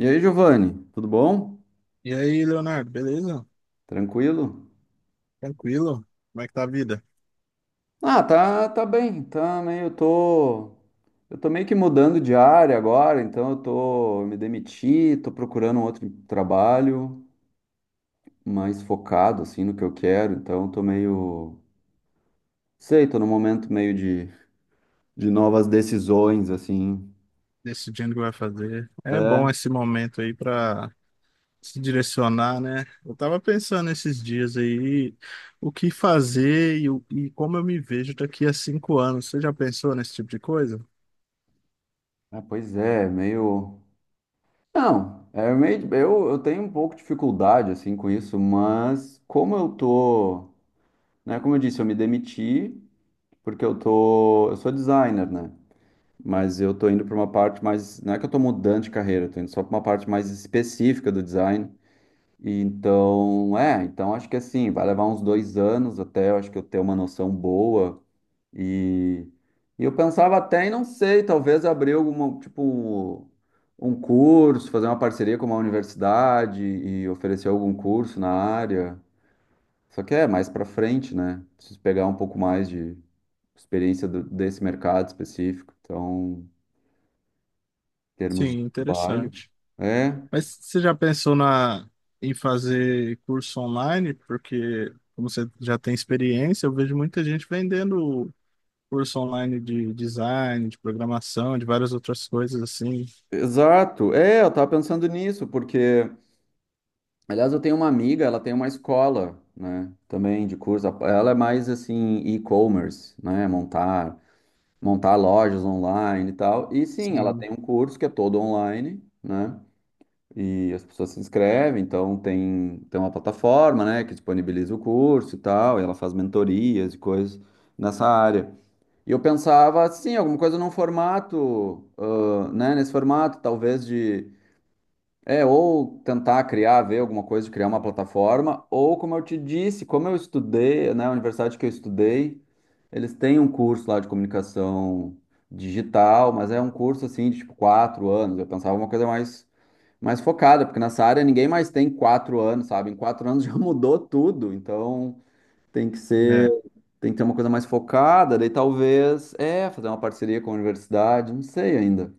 E aí, Giovanni, tudo bom? E aí, Leonardo, beleza? Tranquilo? Tranquilo? Como é que tá a vida? Ah, tá, tá bem, tá meio, eu tô meio que mudando de área agora, então eu me demiti, tô procurando um outro trabalho mais focado, assim, no que eu quero, então eu tô meio, sei, tô num momento meio de novas decisões, assim, Decidindo o que vai fazer. É bom é, esse momento aí para se direcionar, né? Eu tava pensando esses dias aí o que fazer e como eu me vejo daqui a 5 anos. Você já pensou nesse tipo de coisa? ah, pois é, meio, não, é meio, eu tenho um pouco de dificuldade, assim, com isso, mas como eu tô, né, como eu disse, eu me demiti, porque eu sou designer, né? Mas eu tô indo para uma parte mais, não é que eu tô mudando de carreira, eu tô indo só para uma parte mais específica do design. E então, é, então acho que assim, vai levar uns 2 anos até eu acho que eu ter uma noção boa. E, e eu pensava até, e não sei, talvez abrir alguma, tipo, um curso, fazer uma parceria com uma universidade e oferecer algum curso na área. Só que é mais para frente, né? Preciso pegar um pouco mais de experiência desse mercado específico. Então, em termos Sim, de trabalho. interessante. É, Mas você já pensou em fazer curso online? Porque, como você já tem experiência, eu vejo muita gente vendendo curso online de design, de programação, de várias outras coisas assim. exato. É, eu tava pensando nisso, porque, aliás, eu tenho uma amiga, ela tem uma escola, né, também de curso. Ela é mais assim, e-commerce, né, montar lojas online e tal. E sim, ela Sim, tem um curso que é todo online, né? E as pessoas se inscrevem, então tem, tem uma plataforma, né, que disponibiliza o curso e tal, e ela faz mentorias e coisas nessa área. E eu pensava, sim, alguma coisa num formato, ah, né, nesse formato, talvez de, é, ou tentar criar, ver alguma coisa, de criar uma plataforma, ou como eu te disse, como eu estudei, né, a universidade que eu estudei, eles têm um curso lá de comunicação digital, mas é um curso, assim, de, tipo, 4 anos, eu pensava uma coisa mais, mais focada, porque nessa área ninguém mais tem 4 anos, sabe, em 4 anos já mudou tudo, então. Tem que ser, é tem que ter uma coisa mais focada, daí talvez, é, fazer uma parceria com a universidade, não sei ainda.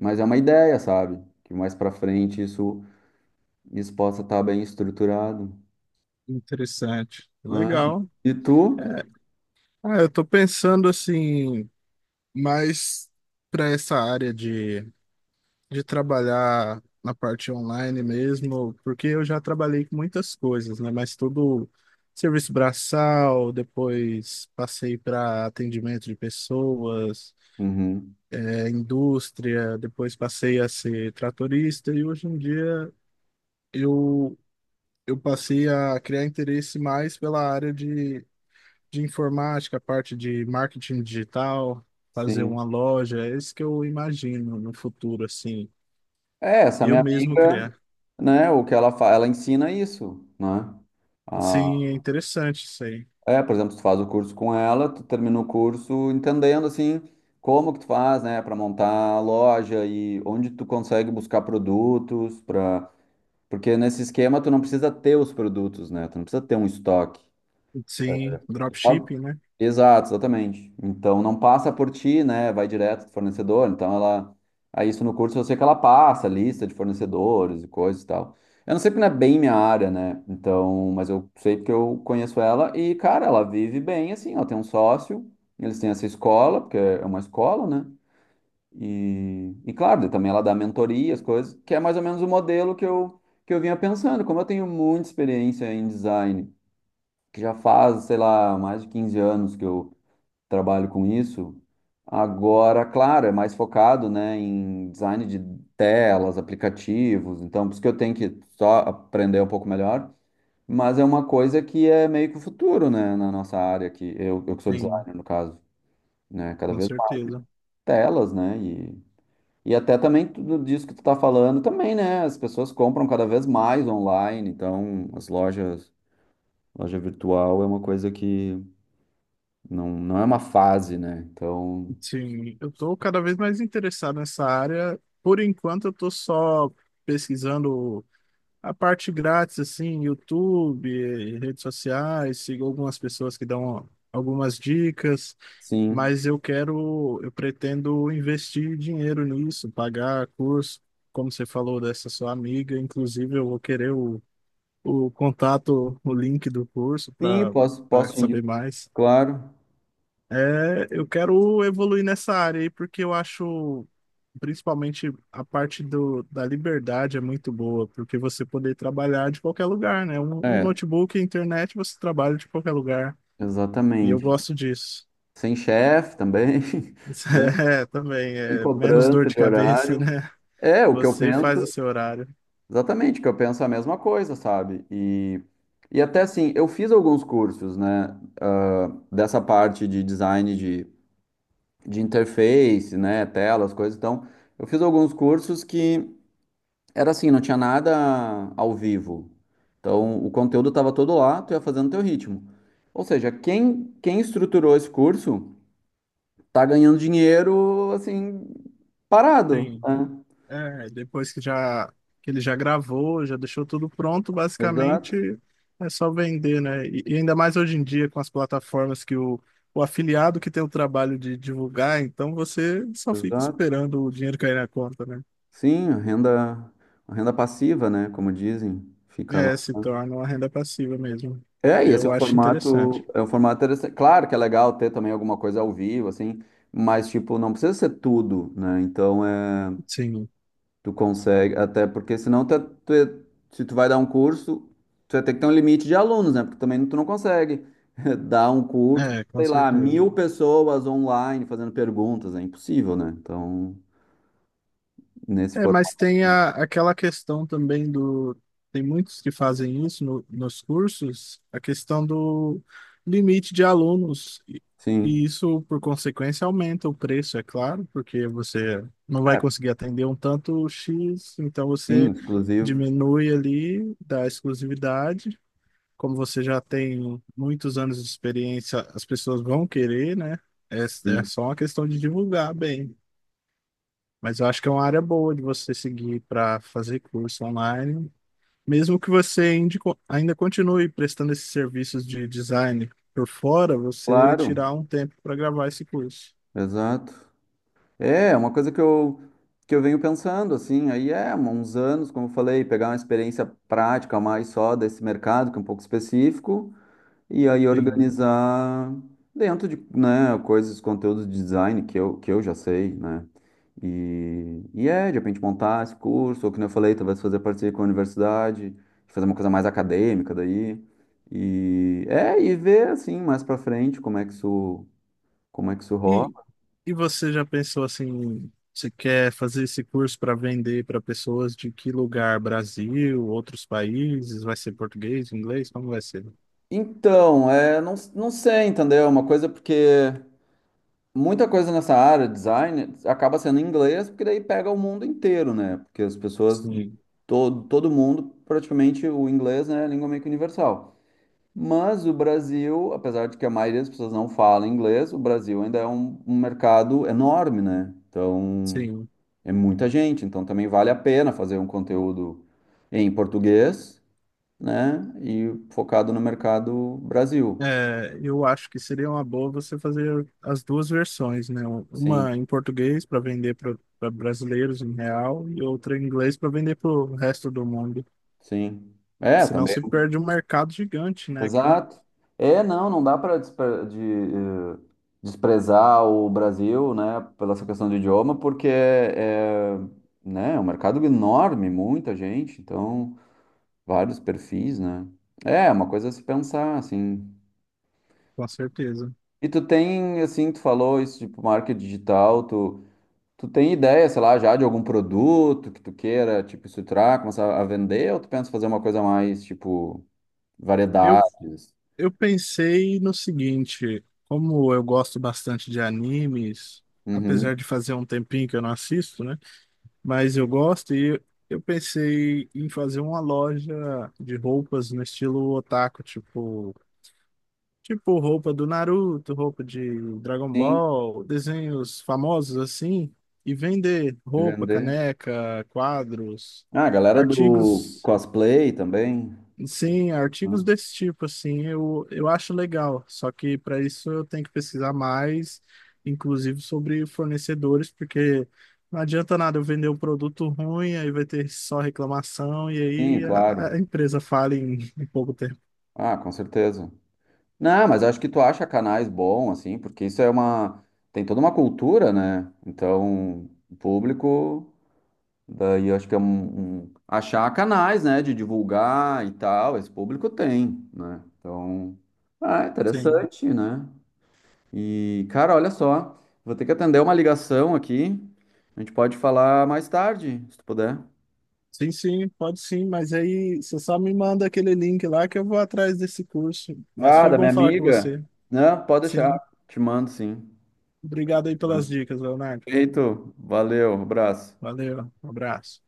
Mas é uma ideia, sabe? Que mais pra frente isso, isso possa estar bem estruturado, interessante. né? Legal. E É. tu? Ah, eu tô pensando assim, mais para essa área de trabalhar na parte online mesmo, porque eu já trabalhei com muitas coisas, né? Mas tudo serviço braçal, depois passei para atendimento de pessoas, Uhum, é, indústria, depois passei a ser tratorista e hoje em dia eu, eu passei a criar interesse mais pela área de informática, parte de marketing digital, fazer sim. uma loja, é isso que eu imagino no futuro, assim, É, essa eu minha mesmo amiga, criar. né, o que ela faz, ela ensina isso, né? Ah, Sim, é interessante isso aí. é, por exemplo, tu faz o curso com ela, tu termina o curso entendendo assim como que tu faz, né, para montar a loja e onde tu consegue buscar produtos para, porque nesse esquema tu não precisa ter os produtos, né? Tu não precisa ter um estoque. Sim, Ó, dropshipping, né? exato, exatamente. Então não passa por ti, né? Vai direto do fornecedor. Então ela. Aí isso no curso eu sei que ela passa, lista de fornecedores e coisas e tal. Eu não sei porque não é bem minha área, né? Então, mas eu sei porque eu conheço ela e, cara, ela vive bem assim, ela tem um sócio, eles têm essa escola, porque é uma escola, né? E claro, daí também ela dá mentoria, as coisas, que é mais ou menos o modelo que eu vinha pensando. Como eu tenho muita experiência em design que já faz, sei lá, mais de 15 anos que eu trabalho com isso. Agora, claro, é mais focado, né, em design de telas, aplicativos, então por isso que eu tenho que só aprender um pouco melhor, mas é uma coisa que é meio que o futuro, né, na nossa área, que eu que sou Sim, designer, no caso, né, cada com vez mais certeza. telas, né, e até também tudo disso que tu tá falando também, né, as pessoas compram cada vez mais online, então as lojas, loja virtual é uma coisa que não, não é uma fase, né? Então, Sim, eu estou cada vez mais interessado nessa área. Por enquanto, eu estou só pesquisando a parte grátis, assim, YouTube, redes sociais, sigo algumas pessoas que dão algumas dicas, sim. mas eu pretendo investir dinheiro nisso, pagar curso, como você falou dessa sua amiga, inclusive eu vou querer o contato, o link do curso Sim, posso, para posso te saber indicar, mais. claro. É, eu quero evoluir nessa área aí, porque eu acho, principalmente, a parte da liberdade é muito boa, porque você poder trabalhar de qualquer lugar, né? Um É, notebook, internet, você trabalha de qualquer lugar. E eu exatamente. gosto disso. Sem chefe também, né? É, também, Sem é menos dor cobrança de de cabeça, horário. né? É, o que eu Você faz o penso, seu horário. exatamente, o que eu penso é a mesma coisa, sabe? E até assim, eu fiz alguns cursos, né? Ah, dessa parte de design de interface, né? Telas, coisas. Então, eu fiz alguns cursos que era assim, não tinha nada ao vivo. Então, o conteúdo estava todo lá, tu ia fazendo teu ritmo. Ou seja, quem, quem estruturou esse curso tá ganhando dinheiro, assim, parado, Sim. né? É, depois que já que ele já gravou, já deixou tudo pronto, Exato, basicamente é só vender, né? E ainda mais hoje em dia com as plataformas que o afiliado que tem o trabalho de divulgar, então você só fica exato. esperando o dinheiro cair na conta, né? Sim, a renda passiva, né? Como dizem, fica lá. É, se torna uma renda passiva mesmo. É, e esse Eu acho interessante. É um formato interessante. Claro que é legal ter também alguma coisa ao vivo, assim, mas, tipo, não precisa ser tudo, né? Então, é. Sim, Tu consegue, até porque senão tu é- se tu vai dar um curso, tu vai ter que ter um limite de alunos, né? Porque também tu não consegue dar um curso, com sei lá, certeza. 1.000 pessoas online fazendo perguntas, é impossível, né? Então, nesse É, mas formato, tem aquela questão também do. Tem muitos que fazem isso nos cursos, a questão do limite de alunos. Sim. E isso, por consequência, aumenta o preço, é claro, porque você não vai É, conseguir atender um tanto X, então sim, você exclusivo. diminui ali da exclusividade. Como você já tem muitos anos de experiência, as pessoas vão querer, né? É Sim. só uma questão de divulgar bem. Mas eu acho que é uma área boa de você seguir para fazer curso online, mesmo que você ainda ainda continue prestando esses serviços de design por fora, você Claro, tirar um tempo para gravar esse curso. exato. É, é uma coisa que eu venho pensando, assim, aí é, uns anos, como eu falei, pegar uma experiência prática mais só desse mercado, que é um pouco específico. E aí Sim. organizar dentro de, né, coisas, conteúdos de design que eu já sei, né? E é, de repente montar esse curso, ou como eu falei, talvez fazer parceria com a universidade, fazer uma coisa mais acadêmica daí. E é, e ver assim, mais pra frente, como é que isso rola. E, e você já pensou assim, você quer fazer esse curso para vender para pessoas de que lugar? Brasil, outros países? Vai ser português, inglês? Como vai ser? Então, é, não, não sei, entendeu? É uma coisa porque muita coisa nessa área, design, acaba sendo em inglês, porque daí pega o mundo inteiro, né? Porque as pessoas de Sim, todo mundo, praticamente o inglês, né, é a língua meio que universal. Mas o Brasil, apesar de que a maioria das pessoas não fala inglês, o Brasil ainda é um, um mercado enorme, né? Então, sim. é muita gente, então também vale a pena fazer um conteúdo em português, né? E focado no mercado Brasil. É, eu acho que seria uma boa você fazer as duas versões, né? Sim, Uma em português para vender para brasileiros em real e outra em inglês para vender para o resto do mundo. sim. É, Senão também. se perde um mercado gigante, né? Aqui, Exato. É, não, não dá para desprezar o Brasil, né, pela essa questão de idioma, porque é, é, né, é um mercado enorme, muita gente, então vários perfis, né? É, é uma coisa a se pensar, assim. com certeza. E tu tem, assim, tu falou isso, tipo, marketing digital, tu tem ideia, sei lá, já de algum produto que tu queira, tipo, estruturar, começar a vender, ou tu pensa fazer uma coisa mais, tipo, Eu, variedades? eu pensei no seguinte, como eu gosto bastante de animes, Uhum. apesar de fazer um tempinho que eu não assisto, né? Mas eu gosto e eu pensei em fazer uma loja de roupas no estilo otaku, tipo tipo roupa do Naruto, roupa de Dragon Sim, Ball, desenhos famosos assim, e vender roupa, vender. caneca, quadros, Ah, a galera do artigos, cosplay também. sim, artigos Né? desse tipo assim, eu acho legal. Só que para isso eu tenho que pesquisar mais, inclusive sobre fornecedores, porque não adianta nada eu vender um produto ruim, aí vai ter só reclamação e Sim, aí a claro. empresa fala em pouco tempo. Ah, com certeza. Não, mas acho que tu acha canais bom, assim, porque isso é uma. Tem toda uma cultura, né? Então, o público. Daí eu acho que é um, achar canais, né? De divulgar e tal. Esse público tem, né? Então. Ah, é Sim. interessante, né? E, cara, olha só. Vou ter que atender uma ligação aqui. A gente pode falar mais tarde, se tu puder. Sim, Pode sim, mas aí você só me manda aquele link lá que eu vou atrás desse curso. Mas Ah, foi da bom minha falar com amiga? você. Não, pode deixar. Sim, Te mando sim. obrigado aí pelas dicas, Leonardo. Perfeito. Valeu, abraço. Valeu, um abraço.